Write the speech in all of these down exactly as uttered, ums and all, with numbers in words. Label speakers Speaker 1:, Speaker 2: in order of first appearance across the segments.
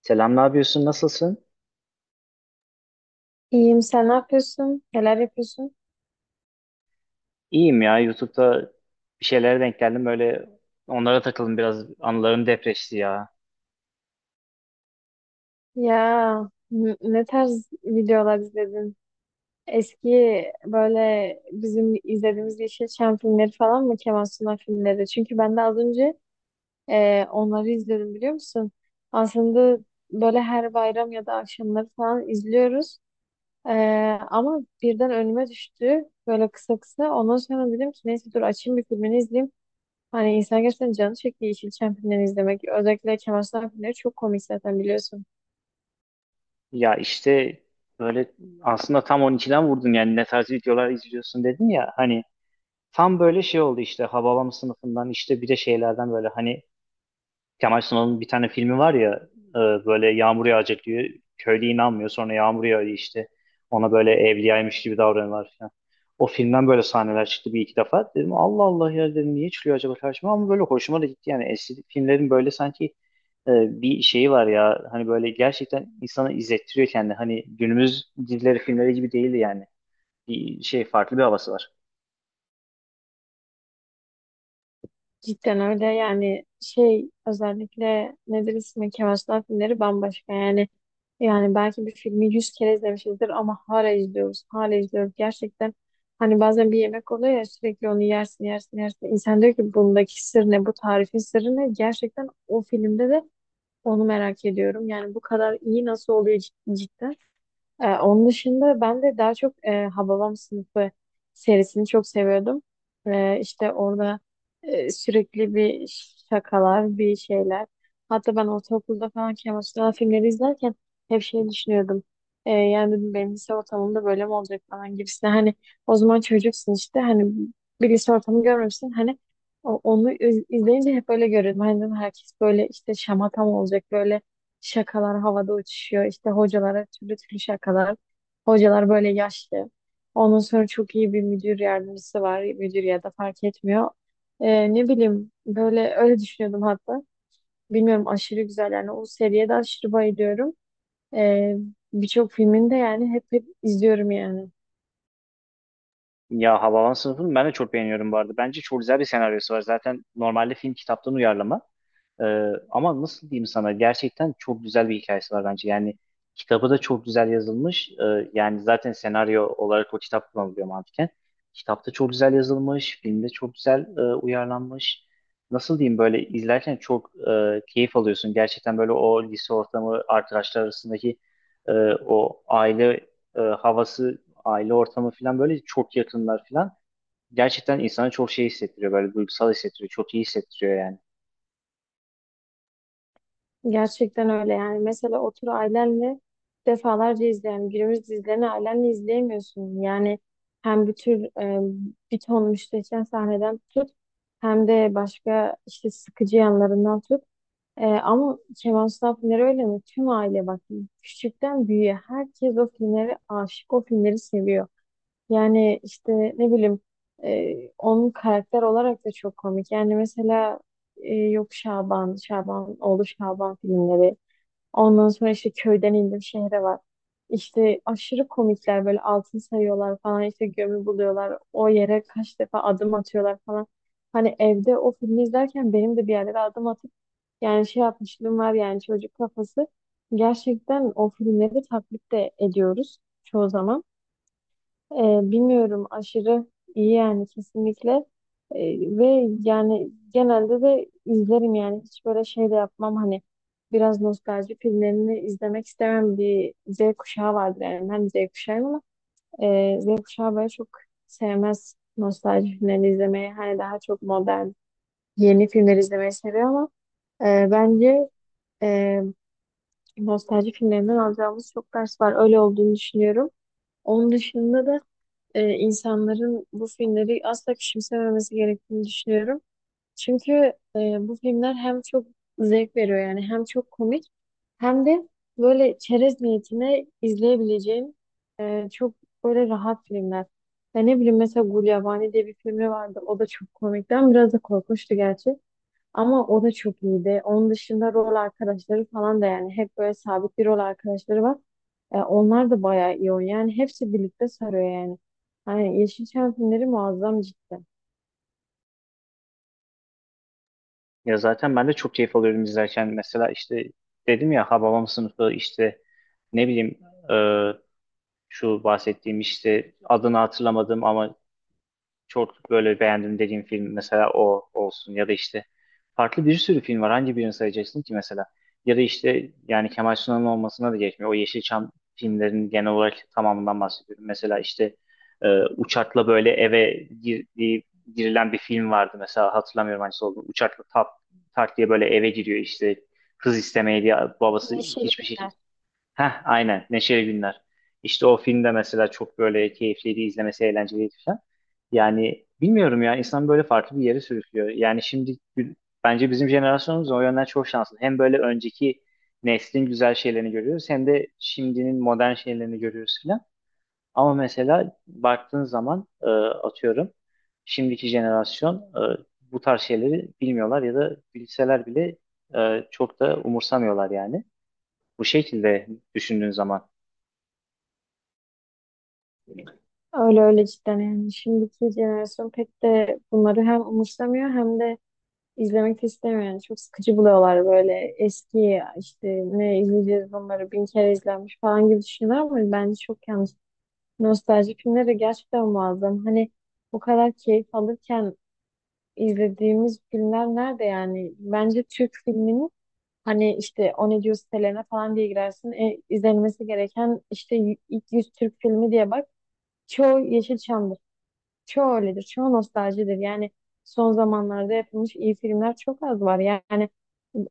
Speaker 1: Selam, ne yapıyorsun? Nasılsın?
Speaker 2: İyiyim, sen ne yapıyorsun? Neler yapıyorsun?
Speaker 1: İyiyim ya. YouTube'da bir şeylere denk geldim. Böyle onlara takıldım biraz. Anılarım depreşti ya.
Speaker 2: Ya n- ne tarz videolar izledin? Eski böyle bizim izlediğimiz Yeşilçam filmleri falan mı? Kemal Sunal filmleri. Çünkü ben de az önce e, onları izledim biliyor musun? Aslında böyle her bayram ya da akşamları falan izliyoruz. E, Ama birden önüme düştü böyle kısa kısa. Ondan sonra dedim ki neyse dur açayım bir filmini izleyeyim. Hani insan gerçekten canı çekti Yeşilçam filmlerini izlemek. Özellikle Kemal Sunal filmleri çok komik zaten biliyorsun.
Speaker 1: Ya işte böyle aslında tam on ikiden vurdun yani, ne tarz videolar izliyorsun dedin ya. Hani tam böyle şey oldu işte Hababam sınıfından işte bir de şeylerden böyle hani Kemal Sunal'ın bir tane filmi var ya, e, böyle yağmur yağacak diyor. Köylü inanmıyor, sonra yağmur yağıyor işte. Ona böyle evliyaymış gibi davranıyorlar falan. O filmden böyle sahneler çıktı bir iki defa. Dedim Allah Allah ya, dedim niye çıkıyor acaba karşıma, ama böyle hoşuma da gitti. Yani eski filmlerin böyle sanki e, bir şeyi var ya, hani böyle gerçekten insanı izlettiriyor kendi. Hani günümüz dizileri filmleri gibi değildi yani. Bir şey farklı bir havası var.
Speaker 2: Cidden öyle yani şey özellikle nedir ismi Kemal Sunal filmleri bambaşka yani. Yani belki bir filmi yüz kere izlemişizdir ama hala izliyoruz. Hala izliyoruz gerçekten. Hani bazen bir yemek oluyor ya sürekli onu yersin yersin yersin. İnsan diyor ki bundaki sır ne, bu tarifin sırrı ne? Gerçekten o filmde de onu merak ediyorum. Yani bu kadar iyi nasıl oluyor cid- cidden. Ee, onun dışında ben de daha çok e, Hababam Sınıfı serisini çok seviyordum. Ee, işte orada e, sürekli bir şakalar, bir şeyler. Hatta ben ortaokulda falan Kemal Sunal filmleri izlerken hep şey düşünüyordum. Ee, yani dedim benim lise ortamımda böyle mi olacak falan gibisine. Hani o zaman çocuksun işte hani bir lise ortamı görmemişsin. Hani o- onu iz- izleyince hep böyle görüyordum. Hani dedim herkes böyle işte şamata mı olacak böyle şakalar havada uçuşuyor. İşte hocalara türlü türlü şakalar. Hocalar böyle yaşlı. Ondan sonra çok iyi bir müdür yardımcısı var. Müdür ya da fark etmiyor. Ee, ne bileyim böyle öyle düşünüyordum hatta. Bilmiyorum aşırı güzel yani o seriye de aşırı bayılıyorum. Ee, Birçok filmini de yani hep hep izliyorum yani.
Speaker 1: Ya Havalan sınıfını ben de çok beğeniyorum bu arada. Bence çok güzel bir senaryosu var. Zaten normalde film kitaptan uyarlama. Ee, ama nasıl diyeyim sana, gerçekten çok güzel bir hikayesi var bence. Yani kitabı da çok güzel yazılmış. Ee, yani zaten senaryo olarak o kitap kullanılıyor mantıken. Kitapta çok güzel yazılmış. Filmde çok güzel e, uyarlanmış. Nasıl diyeyim, böyle izlerken çok e, keyif alıyorsun. Gerçekten böyle o lise ortamı, arkadaşlar arasındaki e, o aile e, havası, aile ortamı falan, böyle çok yakınlar falan. Gerçekten insana çok şey hissettiriyor, böyle duygusal hissettiriyor. Çok iyi hissettiriyor yani.
Speaker 2: Gerçekten öyle yani. Mesela otur ailenle defalarca izleyen günümüz dizilerini ailenle izleyemiyorsun. Yani hem bir tür e, bir ton müstehcen sahneden tut, hem de başka işte sıkıcı yanlarından tut. E, ama Kemal Sunal filmleri öyle mi? Tüm aile bak, küçükten büyüğe herkes o filmleri aşık, o filmleri seviyor. Yani işte ne bileyim, e, onun karakter olarak da çok komik. Yani mesela e, yok Şaban, Şaban, oğlu Şaban filmleri. Ondan sonra işte köyden indim şehre var. İşte aşırı komikler, böyle altın sayıyorlar falan, işte gömü buluyorlar. O yere kaç defa adım atıyorlar falan. Hani evde o filmi izlerken benim de bir yerlere adım atıp yani şey yapmışlığım var, yani çocuk kafası. Gerçekten o filmleri taklit de ediyoruz çoğu zaman. Ee, Bilmiyorum aşırı iyi yani kesinlikle. Ee, ve yani genelde de izlerim, yani hiç böyle şey de yapmam, hani biraz nostalji filmlerini izlemek istemem bir Z kuşağı vardır, yani ben Z kuşağıyım ama e, Z kuşağı böyle çok sevmez nostalji filmlerini izlemeyi, hani daha çok modern yeni filmler izlemeyi seviyor, ama e, bence e, nostalji filmlerinden alacağımız çok ders var, öyle olduğunu düşünüyorum. Onun dışında da e, insanların bu filmleri asla küçümsememesi gerektiğini düşünüyorum. Çünkü e, bu filmler hem çok zevk veriyor yani, hem çok komik, hem de böyle çerez niyetine izleyebileceğin e, çok böyle rahat filmler. Ya ne bileyim, mesela Gulyabani diye bir filmi vardı. O da çok komikti ama biraz da korkunçtu gerçi. Ama o da çok iyiydi. Onun dışında rol arkadaşları falan da yani hep böyle sabit bir rol arkadaşları var. E, onlar da bayağı iyi oynuyor. Yani hepsi birlikte sarıyor yani. Hani Yeşilçam filmleri muazzam cidden.
Speaker 1: Ya zaten ben de çok keyif alıyorum izlerken. Mesela işte dedim ya, Hababam sınıfı işte ne bileyim, e, şu bahsettiğim işte adını hatırlamadım, ama çok böyle beğendim dediğim film mesela o olsun, ya da işte farklı bir sürü film var. Hangi birini sayacaksın ki mesela? Ya da işte yani Kemal Sunal'ın olmasına da geçmiyor. O Yeşilçam filmlerinin genel olarak tamamından bahsediyorum. Mesela işte e, uçakla böyle eve girdiği, girilen bir film vardı mesela, hatırlamıyorum hangisi olduğunu. Uçakla tak, tak diye böyle eve giriyor işte, kız istemeye diye, babası
Speaker 2: Neşeli
Speaker 1: hiçbir şekilde.
Speaker 2: filmler.
Speaker 1: Heh, aynen. Neşeli Günler. İşte o filmde mesela çok böyle keyifliydi, izlemesi eğlenceliydi falan. Yani bilmiyorum ya, insan böyle farklı bir yere sürüklüyor. Yani şimdi gü- bence bizim jenerasyonumuz o yönden çok şanslı. Hem böyle önceki neslin güzel şeylerini görüyoruz, hem de şimdinin modern şeylerini görüyoruz falan. Ama mesela baktığın zaman e, atıyorum şimdiki jenerasyon e, bu tarz şeyleri bilmiyorlar, ya da bilseler bile e, çok da umursamıyorlar yani. Bu şekilde düşündüğün zaman.
Speaker 2: Öyle öyle cidden yani. Şimdiki jenerasyon pek de bunları hem umursamıyor hem de izlemek de istemiyor. Yani çok sıkıcı buluyorlar, böyle eski işte ne izleyeceğiz bunları, bin kere izlenmiş falan gibi düşünüyorlar ama bence çok yanlış. Nostalji filmleri de gerçekten muazzam. Hani o kadar keyif alırken izlediğimiz filmler nerede yani? Bence Türk filminin hani işte o ne diyor sitelerine falan diye girersin. E, izlenmesi gereken işte y- ilk yüz Türk filmi diye bak. Çoğu Yeşilçam'dır. Çoğu öyledir. Çoğu nostaljidir. Yani son zamanlarda yapılmış iyi filmler çok az var. Yani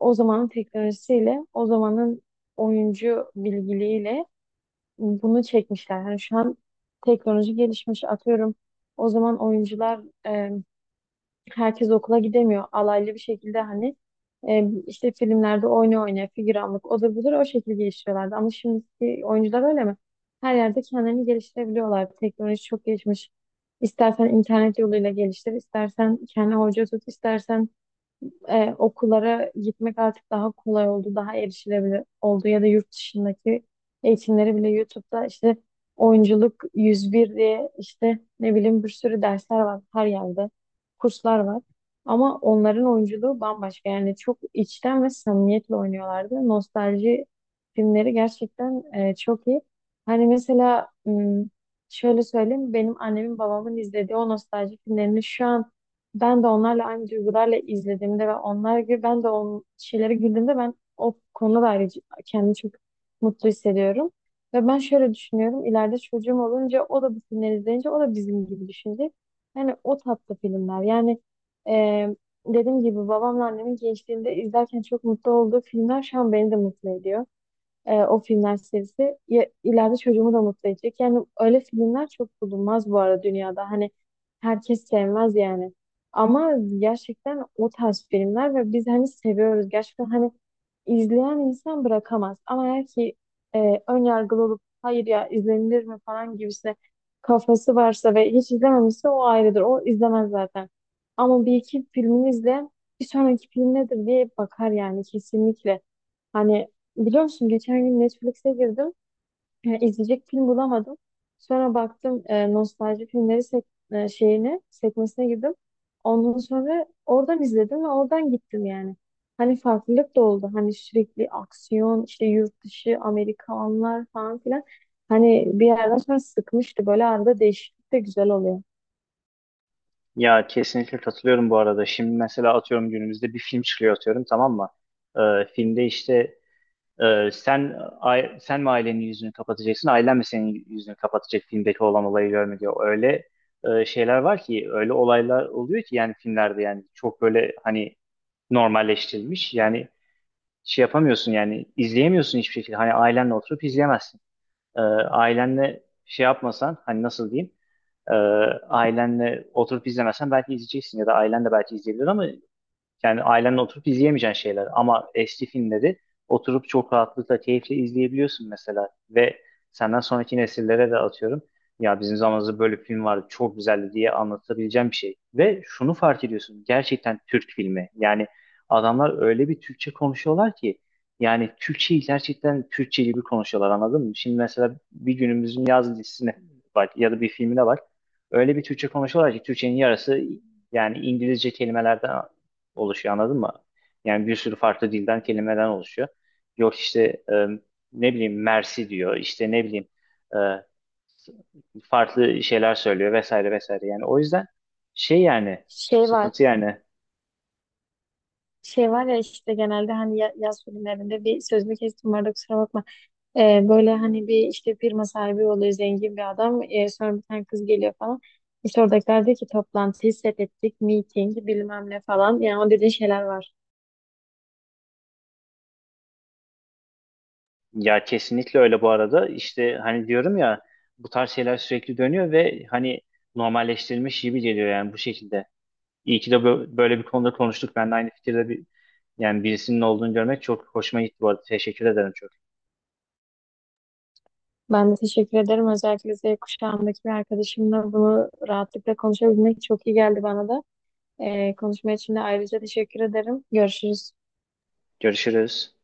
Speaker 2: o zamanın teknolojisiyle, o zamanın oyuncu bilgiliğiyle bunu çekmişler. Yani şu an teknoloji gelişmiş, atıyorum. O zaman oyuncular e, herkes okula gidemiyor. Alaylı bir şekilde hani e, işte filmlerde oyna oyna figüranlık odur budur o şekilde geliştiriyorlardı. Ama şimdiki oyuncular öyle mi? Her yerde kendilerini geliştirebiliyorlar. Teknoloji çok gelişmiş. İstersen internet yoluyla geliştir, istersen kendi hoca tut, istersen e, okullara gitmek artık daha kolay oldu, daha erişilebilir oldu, ya da yurt dışındaki eğitimleri bile YouTube'da işte oyunculuk yüz bir diye işte ne bileyim bir sürü dersler var her yerde, kurslar var. Ama onların oyunculuğu bambaşka yani, çok içten ve samimiyetle oynuyorlardı. Nostalji filmleri gerçekten e, çok iyi. Hani mesela m, şöyle söyleyeyim, benim annemin babamın izlediği o nostalji filmlerini şu an ben de onlarla aynı duygularla izlediğimde ve onlar gibi ben de o şeylere güldüğümde ben o konuda da ayrıca kendimi çok mutlu hissediyorum. Ve ben şöyle düşünüyorum. İleride çocuğum olunca o da bu filmleri izleyince o da bizim gibi düşünecek. Yani o tatlı filmler. Yani e, dediğim gibi babamla annemin gençliğinde izlerken çok mutlu olduğu filmler şu an beni de mutlu ediyor, e, o filmler serisi ya, ileride çocuğumu da mutlu edecek. Yani öyle filmler çok bulunmaz bu arada dünyada. Hani herkes sevmez yani. Ama gerçekten o tarz filmler ve biz hani seviyoruz. Gerçekten hani izleyen insan bırakamaz. Ama eğer ki e, ön yargılı olup hayır ya izlenilir mi falan gibisine kafası varsa ve hiç izlememişse o ayrıdır. O izlemez zaten. Ama bir iki filmini izleyen bir sonraki film nedir diye bakar yani kesinlikle. Hani biliyor musun geçen gün Netflix'e girdim. E, izleyecek film bulamadım. Sonra baktım e, nostalji filmleri sek e, şeyine sekmesine girdim. Ondan sonra oradan izledim ve oradan gittim yani. Hani farklılık da oldu. Hani sürekli aksiyon, işte yurt dışı, Amerikanlar falan filan. Hani bir yerden sonra sıkmıştı. Böyle arada değişiklik de güzel oluyor.
Speaker 1: Ya kesinlikle katılıyorum bu arada. Şimdi mesela atıyorum günümüzde bir film çıkıyor, atıyorum tamam mı? Ee, filmde işte e, sen ai- sen mi ailenin yüzünü kapatacaksın, ailen mi senin yüzünü kapatacak filmdeki olan olayı görme diyor. Öyle e, şeyler var ki, öyle olaylar oluyor ki yani filmlerde, yani çok böyle hani normalleştirilmiş. Yani şey yapamıyorsun, yani izleyemiyorsun hiçbir şekilde. Hani ailenle oturup izleyemezsin. Ee, ailenle şey yapmasan, hani nasıl diyeyim? Ee, ailenle oturup izlemezsen belki izleyeceksin, ya da ailen de belki izleyebilir, ama yani ailenle oturup izleyemeyeceğin şeyler. Ama H D filmleri oturup çok rahatlıkla, keyifle izleyebiliyorsun mesela. Ve senden sonraki nesillere de atıyorum. Ya bizim zamanımızda böyle bir film vardı, çok güzeldi diye anlatabileceğim bir şey. Ve şunu fark ediyorsun, gerçekten Türk filmi. Yani adamlar öyle bir Türkçe konuşuyorlar ki, yani Türkçeyi gerçekten Türkçe gibi konuşuyorlar, anladın mı? Şimdi mesela bir günümüzün yaz dizisine bak, ya da bir filmine bak. Öyle bir Türkçe konuşuyorlar ki Türkçenin yarısı yani İngilizce kelimelerden oluşuyor, anladın mı? Yani bir sürü farklı dilden kelimeden oluşuyor. Yok işte e, ne bileyim mersi diyor, işte ne bileyim e, farklı şeyler söylüyor vesaire vesaire. Yani o yüzden şey yani
Speaker 2: Şey var.
Speaker 1: sıkıntı yani.
Speaker 2: Şey var ya işte genelde hani ya- yaz filmlerinde bir, sözünü kestim orada, kusura bakma. Ee, böyle hani bir işte firma sahibi oluyor zengin bir adam. Ee, sonra bir tane kız geliyor falan. İşte oradakiler diyor ki toplantıyı set ettik, meeting bilmem ne falan. Yani o dediğin şeyler var.
Speaker 1: Ya kesinlikle öyle bu arada, işte hani diyorum ya bu tarz şeyler sürekli dönüyor ve hani normalleştirilmiş gibi geliyor yani bu şekilde. İyi ki de bö- böyle bir konuda konuştuk. Ben de aynı fikirde bir, yani birisinin olduğunu görmek çok hoşuma gitti bu arada. Teşekkür ederim çok.
Speaker 2: Ben de teşekkür ederim. Özellikle Z kuşağındaki bir arkadaşımla bunu rahatlıkla konuşabilmek çok iyi geldi bana da. Ee, konuşma için de ayrıca teşekkür ederim. Görüşürüz.
Speaker 1: Görüşürüz.